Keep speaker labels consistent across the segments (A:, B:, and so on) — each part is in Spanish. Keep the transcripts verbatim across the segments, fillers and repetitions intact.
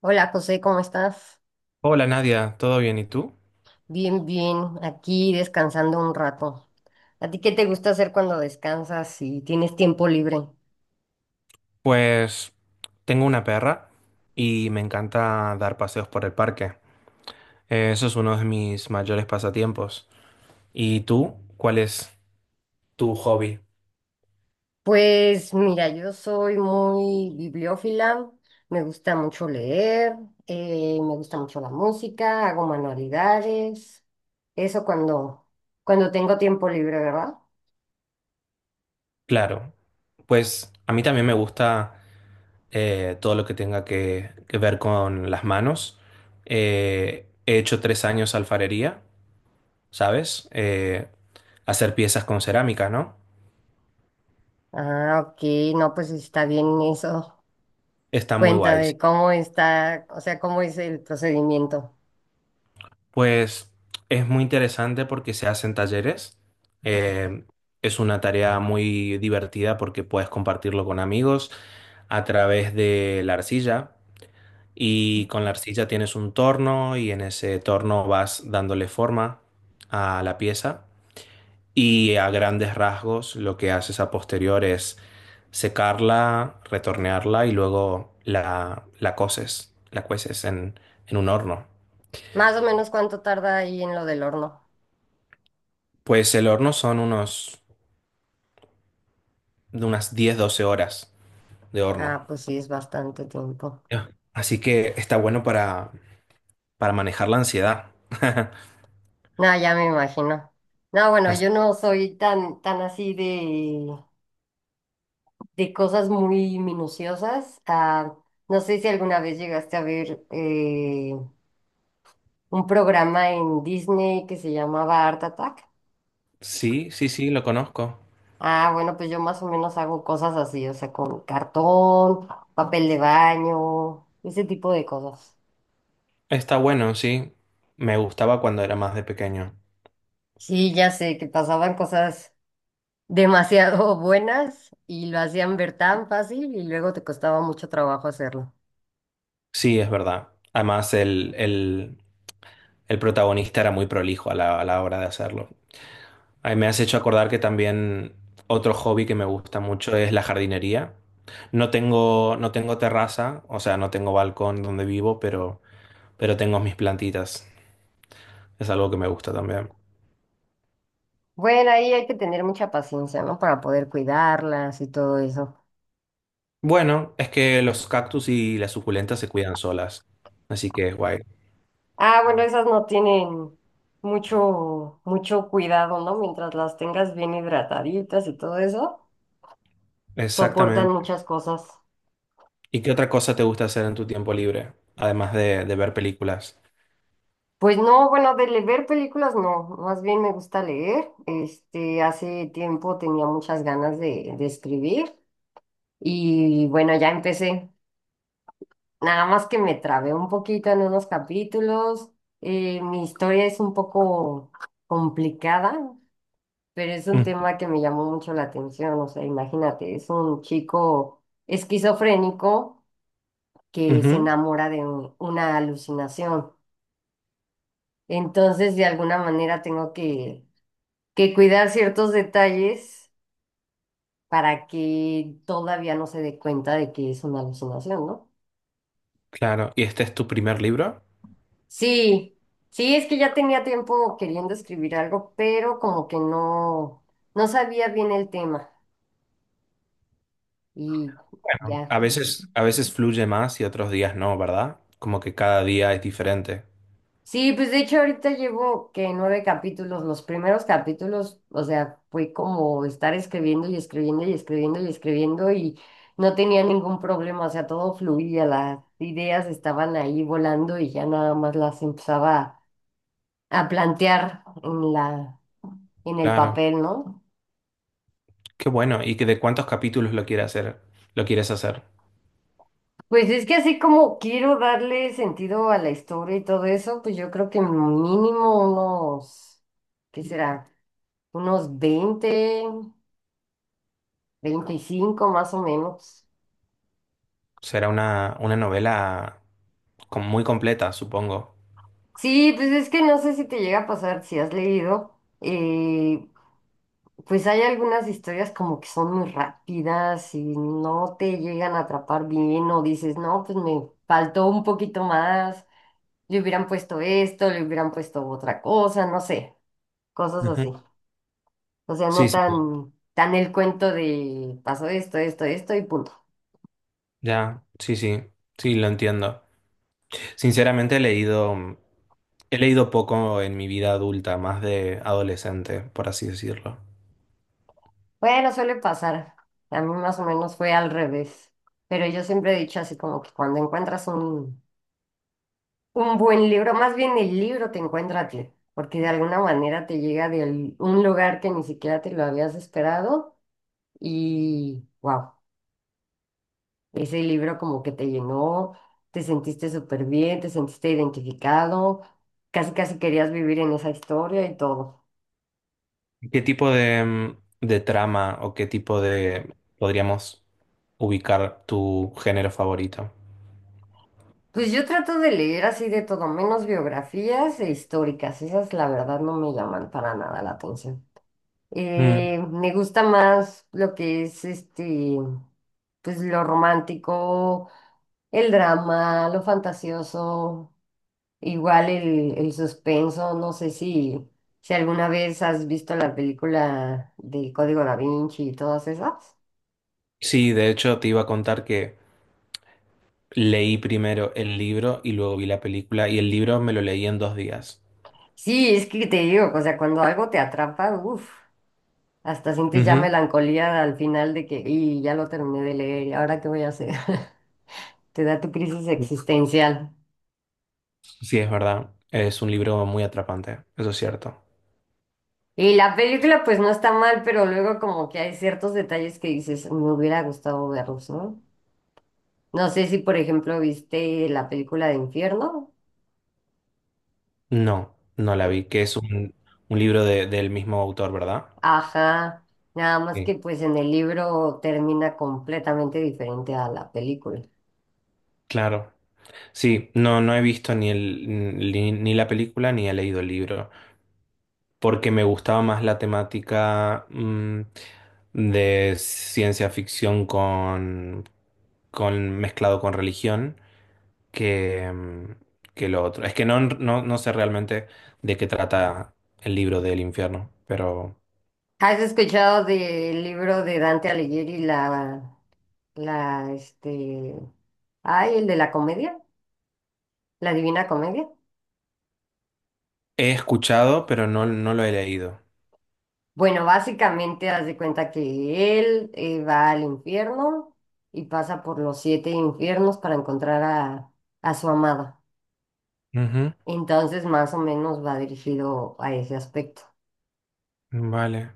A: Hola José, ¿cómo estás?
B: Hola Nadia, ¿todo bien? ¿Y tú?
A: Bien, bien, aquí descansando un rato. ¿A ti qué te gusta hacer cuando descansas y tienes tiempo libre?
B: Pues tengo una perra y me encanta dar paseos por el parque. Eh, Eso es uno de mis mayores pasatiempos. ¿Y tú? ¿Cuál es tu hobby?
A: Pues mira, yo soy muy bibliófila, me gusta mucho leer. Eh, me gusta mucho la música, hago manualidades, eso cuando, cuando tengo tiempo libre, ¿verdad?
B: Claro, pues a mí también me gusta eh, todo lo que tenga que, que ver con las manos. Eh, he hecho tres años alfarería, ¿sabes? Eh, hacer piezas con cerámica, ¿no?
A: Ah, ok, no, pues está bien eso.
B: Está muy
A: Cuenta
B: guay. Sí.
A: de cómo está, o sea, cómo es el procedimiento.
B: Pues es muy interesante porque se hacen talleres. Eh, es una tarea muy divertida porque puedes compartirlo con amigos a través de la arcilla. Y con la arcilla tienes un torno y en ese torno vas dándole forma a la pieza. Y a grandes rasgos lo que haces a posterior es secarla, retornearla y luego la, la coces, la cueces en en un horno.
A: Más o menos ¿cuánto tarda ahí en lo del horno?
B: Pues el horno son unos de unas diez doce horas de horno.
A: Ah, pues sí, es bastante tiempo.
B: Ya. Así que está bueno para, para manejar la ansiedad.
A: No, ya me imagino. No, bueno,
B: As-
A: yo no soy tan, tan así de, de cosas muy minuciosas. Ah, no sé si alguna vez llegaste a ver eh, un programa en Disney que se llamaba Art Attack.
B: Sí, sí, sí, lo conozco.
A: Ah, bueno, pues yo más o menos hago cosas así, o sea, con cartón, papel de baño, ese tipo de cosas.
B: Está bueno, sí. Me gustaba cuando era más de pequeño.
A: Sí, ya sé que pasaban cosas demasiado buenas y lo hacían ver tan fácil y luego te costaba mucho trabajo hacerlo.
B: Sí, es verdad. Además, el, el, el protagonista era muy prolijo a la, a la, hora de hacerlo. Ay, me has hecho acordar que también otro hobby que me gusta mucho es la jardinería. No tengo, no tengo terraza, o sea, no tengo balcón donde vivo, pero, pero tengo mis plantitas. Es algo que me gusta también.
A: Bueno, ahí hay que tener mucha paciencia, ¿no? Para poder cuidarlas y todo eso.
B: Bueno, es que los cactus y las suculentas se cuidan solas, así que es guay.
A: Ah, bueno, esas no tienen mucho, mucho cuidado, ¿no? Mientras las tengas bien hidrataditas y todo eso, soportan
B: Exactamente.
A: muchas cosas.
B: ¿Y qué otra cosa te gusta hacer en tu tiempo libre, además de, de ver películas?
A: Pues no, bueno, de le- ver películas no, más bien me gusta leer. Este, hace tiempo tenía muchas ganas de, de escribir y bueno, ya empecé. Nada más que me trabé un poquito en unos capítulos. Eh, mi historia es un poco complicada, pero es un
B: Mm,
A: tema que me llamó mucho la atención. O sea, imagínate, es un chico esquizofrénico que se
B: ujú,
A: enamora de un- una alucinación. Entonces, de alguna manera tengo que, que cuidar ciertos detalles para que todavía no se dé cuenta de que es una alucinación, ¿no?
B: claro. ¿Y este es tu primer libro?
A: Sí, sí, es que ya tenía tiempo queriendo escribir algo, pero como que no, no sabía bien el tema y
B: Bueno,
A: ya.
B: a veces, a veces, fluye más y otros días no, ¿verdad? Como que cada día es diferente.
A: Sí, pues de hecho ahorita llevo que nueve capítulos, los primeros capítulos, o sea, fue como estar escribiendo y escribiendo y escribiendo y escribiendo y no tenía ningún problema, o sea, todo fluía, las ideas estaban ahí volando y ya nada más las empezaba a plantear en la, en el
B: Claro.
A: papel, ¿no?
B: Qué bueno. ¿Y que de cuántos capítulos lo quieres hacer? ¿Lo quieres hacer?
A: Pues es que así como quiero darle sentido a la historia y todo eso, pues yo creo que mínimo unos, ¿qué será? Unos veinte, veinticinco más o menos.
B: Será una, una novela com- muy completa, supongo.
A: Sí, pues es que no sé si te llega a pasar, si has leído. Eh, pues hay algunas historias como que son muy rápidas y no te llegan a atrapar bien o dices, no, pues me faltó un poquito más, le hubieran puesto esto, le hubieran puesto otra cosa, no sé, cosas
B: Ujú.
A: así. O sea,
B: Sí,
A: no
B: sí.
A: tan, tan el cuento de pasó esto, esto, esto y punto.
B: Ya, sí, sí, sí, lo entiendo. Sinceramente he leído, mm, he leído poco en mi vida adulta, más de adolescente, por así decirlo.
A: Bueno, suele pasar. A mí más o menos fue al revés. Pero yo siempre he dicho así como que cuando encuentras un, un buen libro, más bien el libro te encuentra a ti, porque de alguna manera te llega de al- un lugar que ni siquiera te lo habías esperado y wow, ese libro como que te llenó, te sentiste súper bien, te sentiste identificado, casi casi querías vivir en esa historia y todo.
B: ¿Qué tipo de, mm, de trama o qué tipo de podríamos ubicar tu género favorito?
A: Pues yo trato de leer así de todo, menos biografías e históricas. Esas, la verdad, no me llaman para nada la atención.
B: Mm.
A: Eh, me gusta más lo que es este, pues lo romántico, el drama, lo fantasioso, igual el, el suspenso. No sé si, si alguna vez has visto la película del Código Da Vinci y todas esas.
B: Sí, de hecho te iba a contar que leí primero el libro y luego vi la película y el libro me lo leí en dos días.
A: Sí, es que te digo, o sea, cuando algo te atrapa, uff. Hasta sientes ya
B: Ujú.
A: melancolía al final de que, y ya lo terminé de leer, ¿y ahora qué voy a hacer? Te da tu crisis existencial.
B: Sí, es verdad. Es un libro muy atrapante, eso es cierto.
A: Y la película pues no está mal, pero luego como que hay ciertos detalles que dices, me hubiera gustado verlos, ¿no? No sé si por ejemplo viste la película de Infierno.
B: No, no la vi, que es un, un, libro de- del mismo autor, ¿verdad?
A: Ajá, nada más
B: Sí.
A: que pues en el libro termina completamente diferente a la película.
B: Claro. Sí, no, no he visto ni, el, ni, ni la película ni he leído el libro, porque me gustaba más la temática mm, de ciencia ficción con, con mezclado con religión. que, mm, que lo otro. Es que no, no, no sé realmente de qué trata el libro del infierno, pero
A: ¿Has escuchado del libro de Dante Alighieri, la La, este, ay, el de la comedia, la Divina Comedia?
B: he escuchado, pero no, no lo he leído.
A: Bueno, básicamente haz de cuenta que él eh, va al infierno y pasa por los siete infiernos para encontrar a, a su amada.
B: Ujú.
A: Entonces, más o menos va dirigido a ese aspecto.
B: Vale.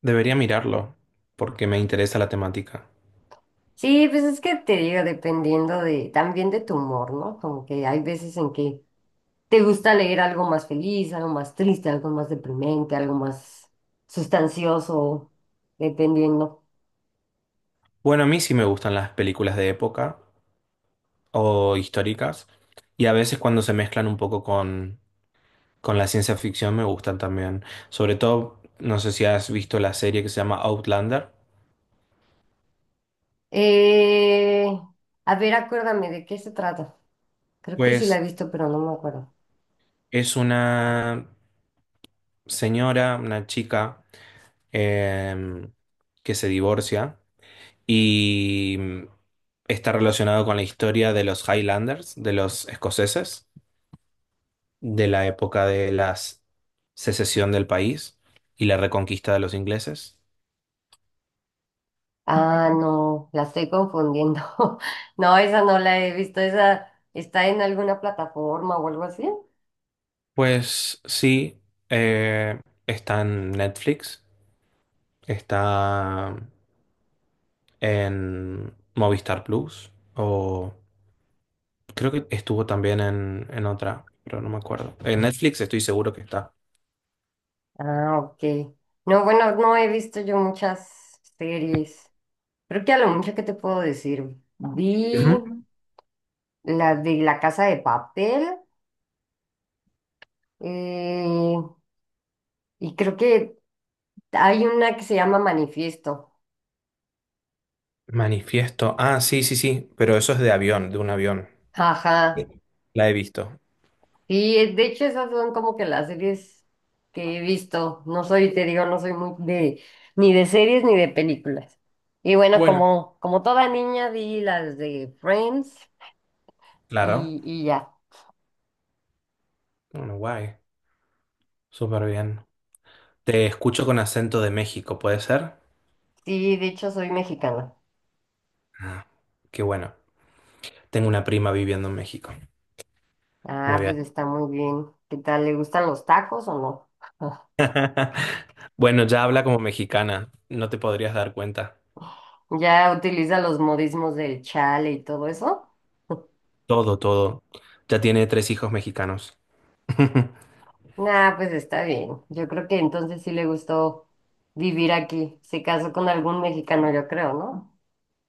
B: Debería mirarlo, porque me interesa la temática.
A: Sí, pues es que te digo, dependiendo de, también de tu humor, ¿no? Como que hay veces en que te gusta leer algo más feliz, algo más triste, algo más deprimente, algo más sustancioso, dependiendo.
B: Bueno, a mí sí me gustan las películas de época o históricas, y a veces cuando se mezclan un poco con, con la ciencia ficción me gustan también. Sobre todo, no sé si has visto la serie que se llama Outlander.
A: Eh, a ver, acuérdame de qué se trata. Creo que sí la
B: Pues
A: he visto, pero no me acuerdo.
B: es una señora, una chica eh, que se divorcia y está relacionado con la historia de los Highlanders, de los escoceses, de la época de la s- secesión del país y la reconquista de los ingleses.
A: Ah, no, la estoy confundiendo. No, esa no la he visto. Esa está en alguna plataforma o algo así.
B: Pues sí, eh, está en Netflix, está en Movistar Plus o creo que estuvo también en, en otra, pero no me acuerdo. En Netflix estoy seguro que está.
A: Ah, ok. No, bueno, no he visto yo muchas series. Creo que a lo mucho que te puedo decir. Vi
B: Ujú.
A: la de La Casa de Papel, eh, y creo que hay una que se llama Manifiesto.
B: Manifiesto. Ah, sí, sí, sí, pero eso es de avión, de un avión.
A: Ajá.
B: Sí. La he visto.
A: Y eh, de hecho esas son como que las series que he visto. No soy, te digo, no soy muy de ni de series ni de películas. Y bueno,
B: Bueno,
A: como, como toda niña vi las de Friends
B: claro.
A: y, y ya.
B: Bueno, guay. Súper bien. Te escucho con acento de México, ¿puede ser?
A: Sí, de hecho soy mexicana.
B: Ah, qué bueno. Tengo una prima viviendo en México.
A: Ah,
B: Muy
A: pues
B: bien.
A: está muy bien. ¿Qué tal? ¿Le gustan los tacos o no?
B: Bueno, ya habla como mexicana. No te podrías dar cuenta.
A: ¿Ya utiliza los modismos del chale y todo eso?
B: Todo, todo. Ya tiene tres hijos mexicanos.
A: Ah, pues está bien. Yo creo que entonces sí le gustó vivir aquí. Se casó con algún mexicano, yo creo, ¿no?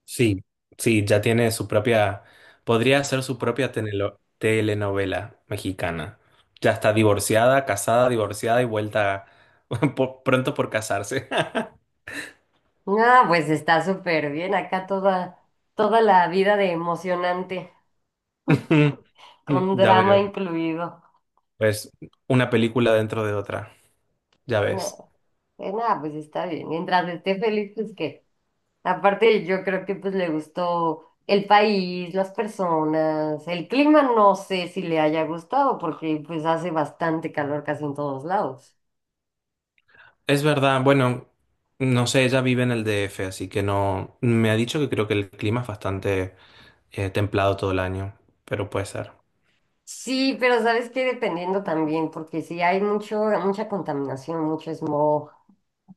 B: Sí, sí, ya tiene su propia, podría ser su propia tenelo- telenovela mexicana. Ya está divorciada, casada, divorciada y vuelta por- pronto por casarse.
A: Ah, pues está súper bien. Acá toda, toda la vida de emocionante, con
B: Ya
A: drama
B: veo.
A: incluido.
B: Pues una película dentro de otra, ya ves.
A: No, pues nada, pues está bien. Mientras esté feliz, pues que. Aparte, yo creo que pues le gustó el país, las personas, el clima, no sé si le haya gustado, porque pues hace bastante calor casi en todos lados.
B: Es verdad, bueno, no sé, ella vive en el D F, así que no, me ha dicho que creo que el clima es bastante eh, templado todo el año, pero puede ser.
A: Sí, pero sabes que dependiendo también, porque sí hay mucho, mucha contaminación, mucho smog.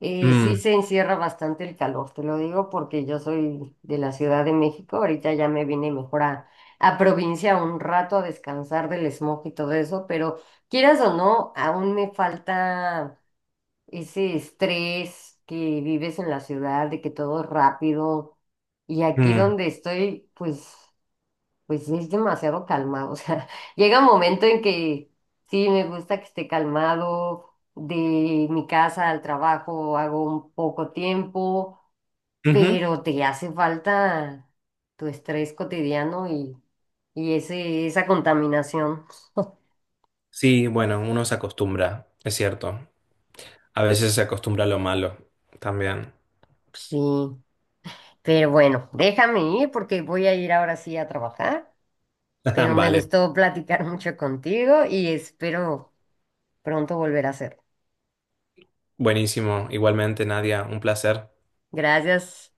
A: Eh, sí
B: Mm,
A: se encierra bastante el calor, te lo digo porque yo soy de la Ciudad de México, ahorita ya me vine mejor a, a provincia un rato a descansar del smog y todo eso, pero quieras o no, aún me falta ese estrés que vives en la ciudad, de que todo es rápido, y aquí
B: mm,
A: donde estoy, pues pues sí, es demasiado calmado. O sea, llega un momento en que sí me gusta que esté calmado. De mi casa al trabajo hago un poco tiempo,
B: ujú.
A: pero te hace falta tu estrés cotidiano y, y ese, esa contaminación.
B: Sí, bueno, uno se acostumbra, es cierto. A veces se acostumbra a lo malo también.
A: Sí, pero bueno, déjame ir porque voy a ir ahora sí a trabajar. Pero me
B: Vale,
A: gustó platicar mucho contigo y espero pronto volver a hacerlo.
B: buenísimo. Igualmente, Nadia, un placer.
A: Gracias.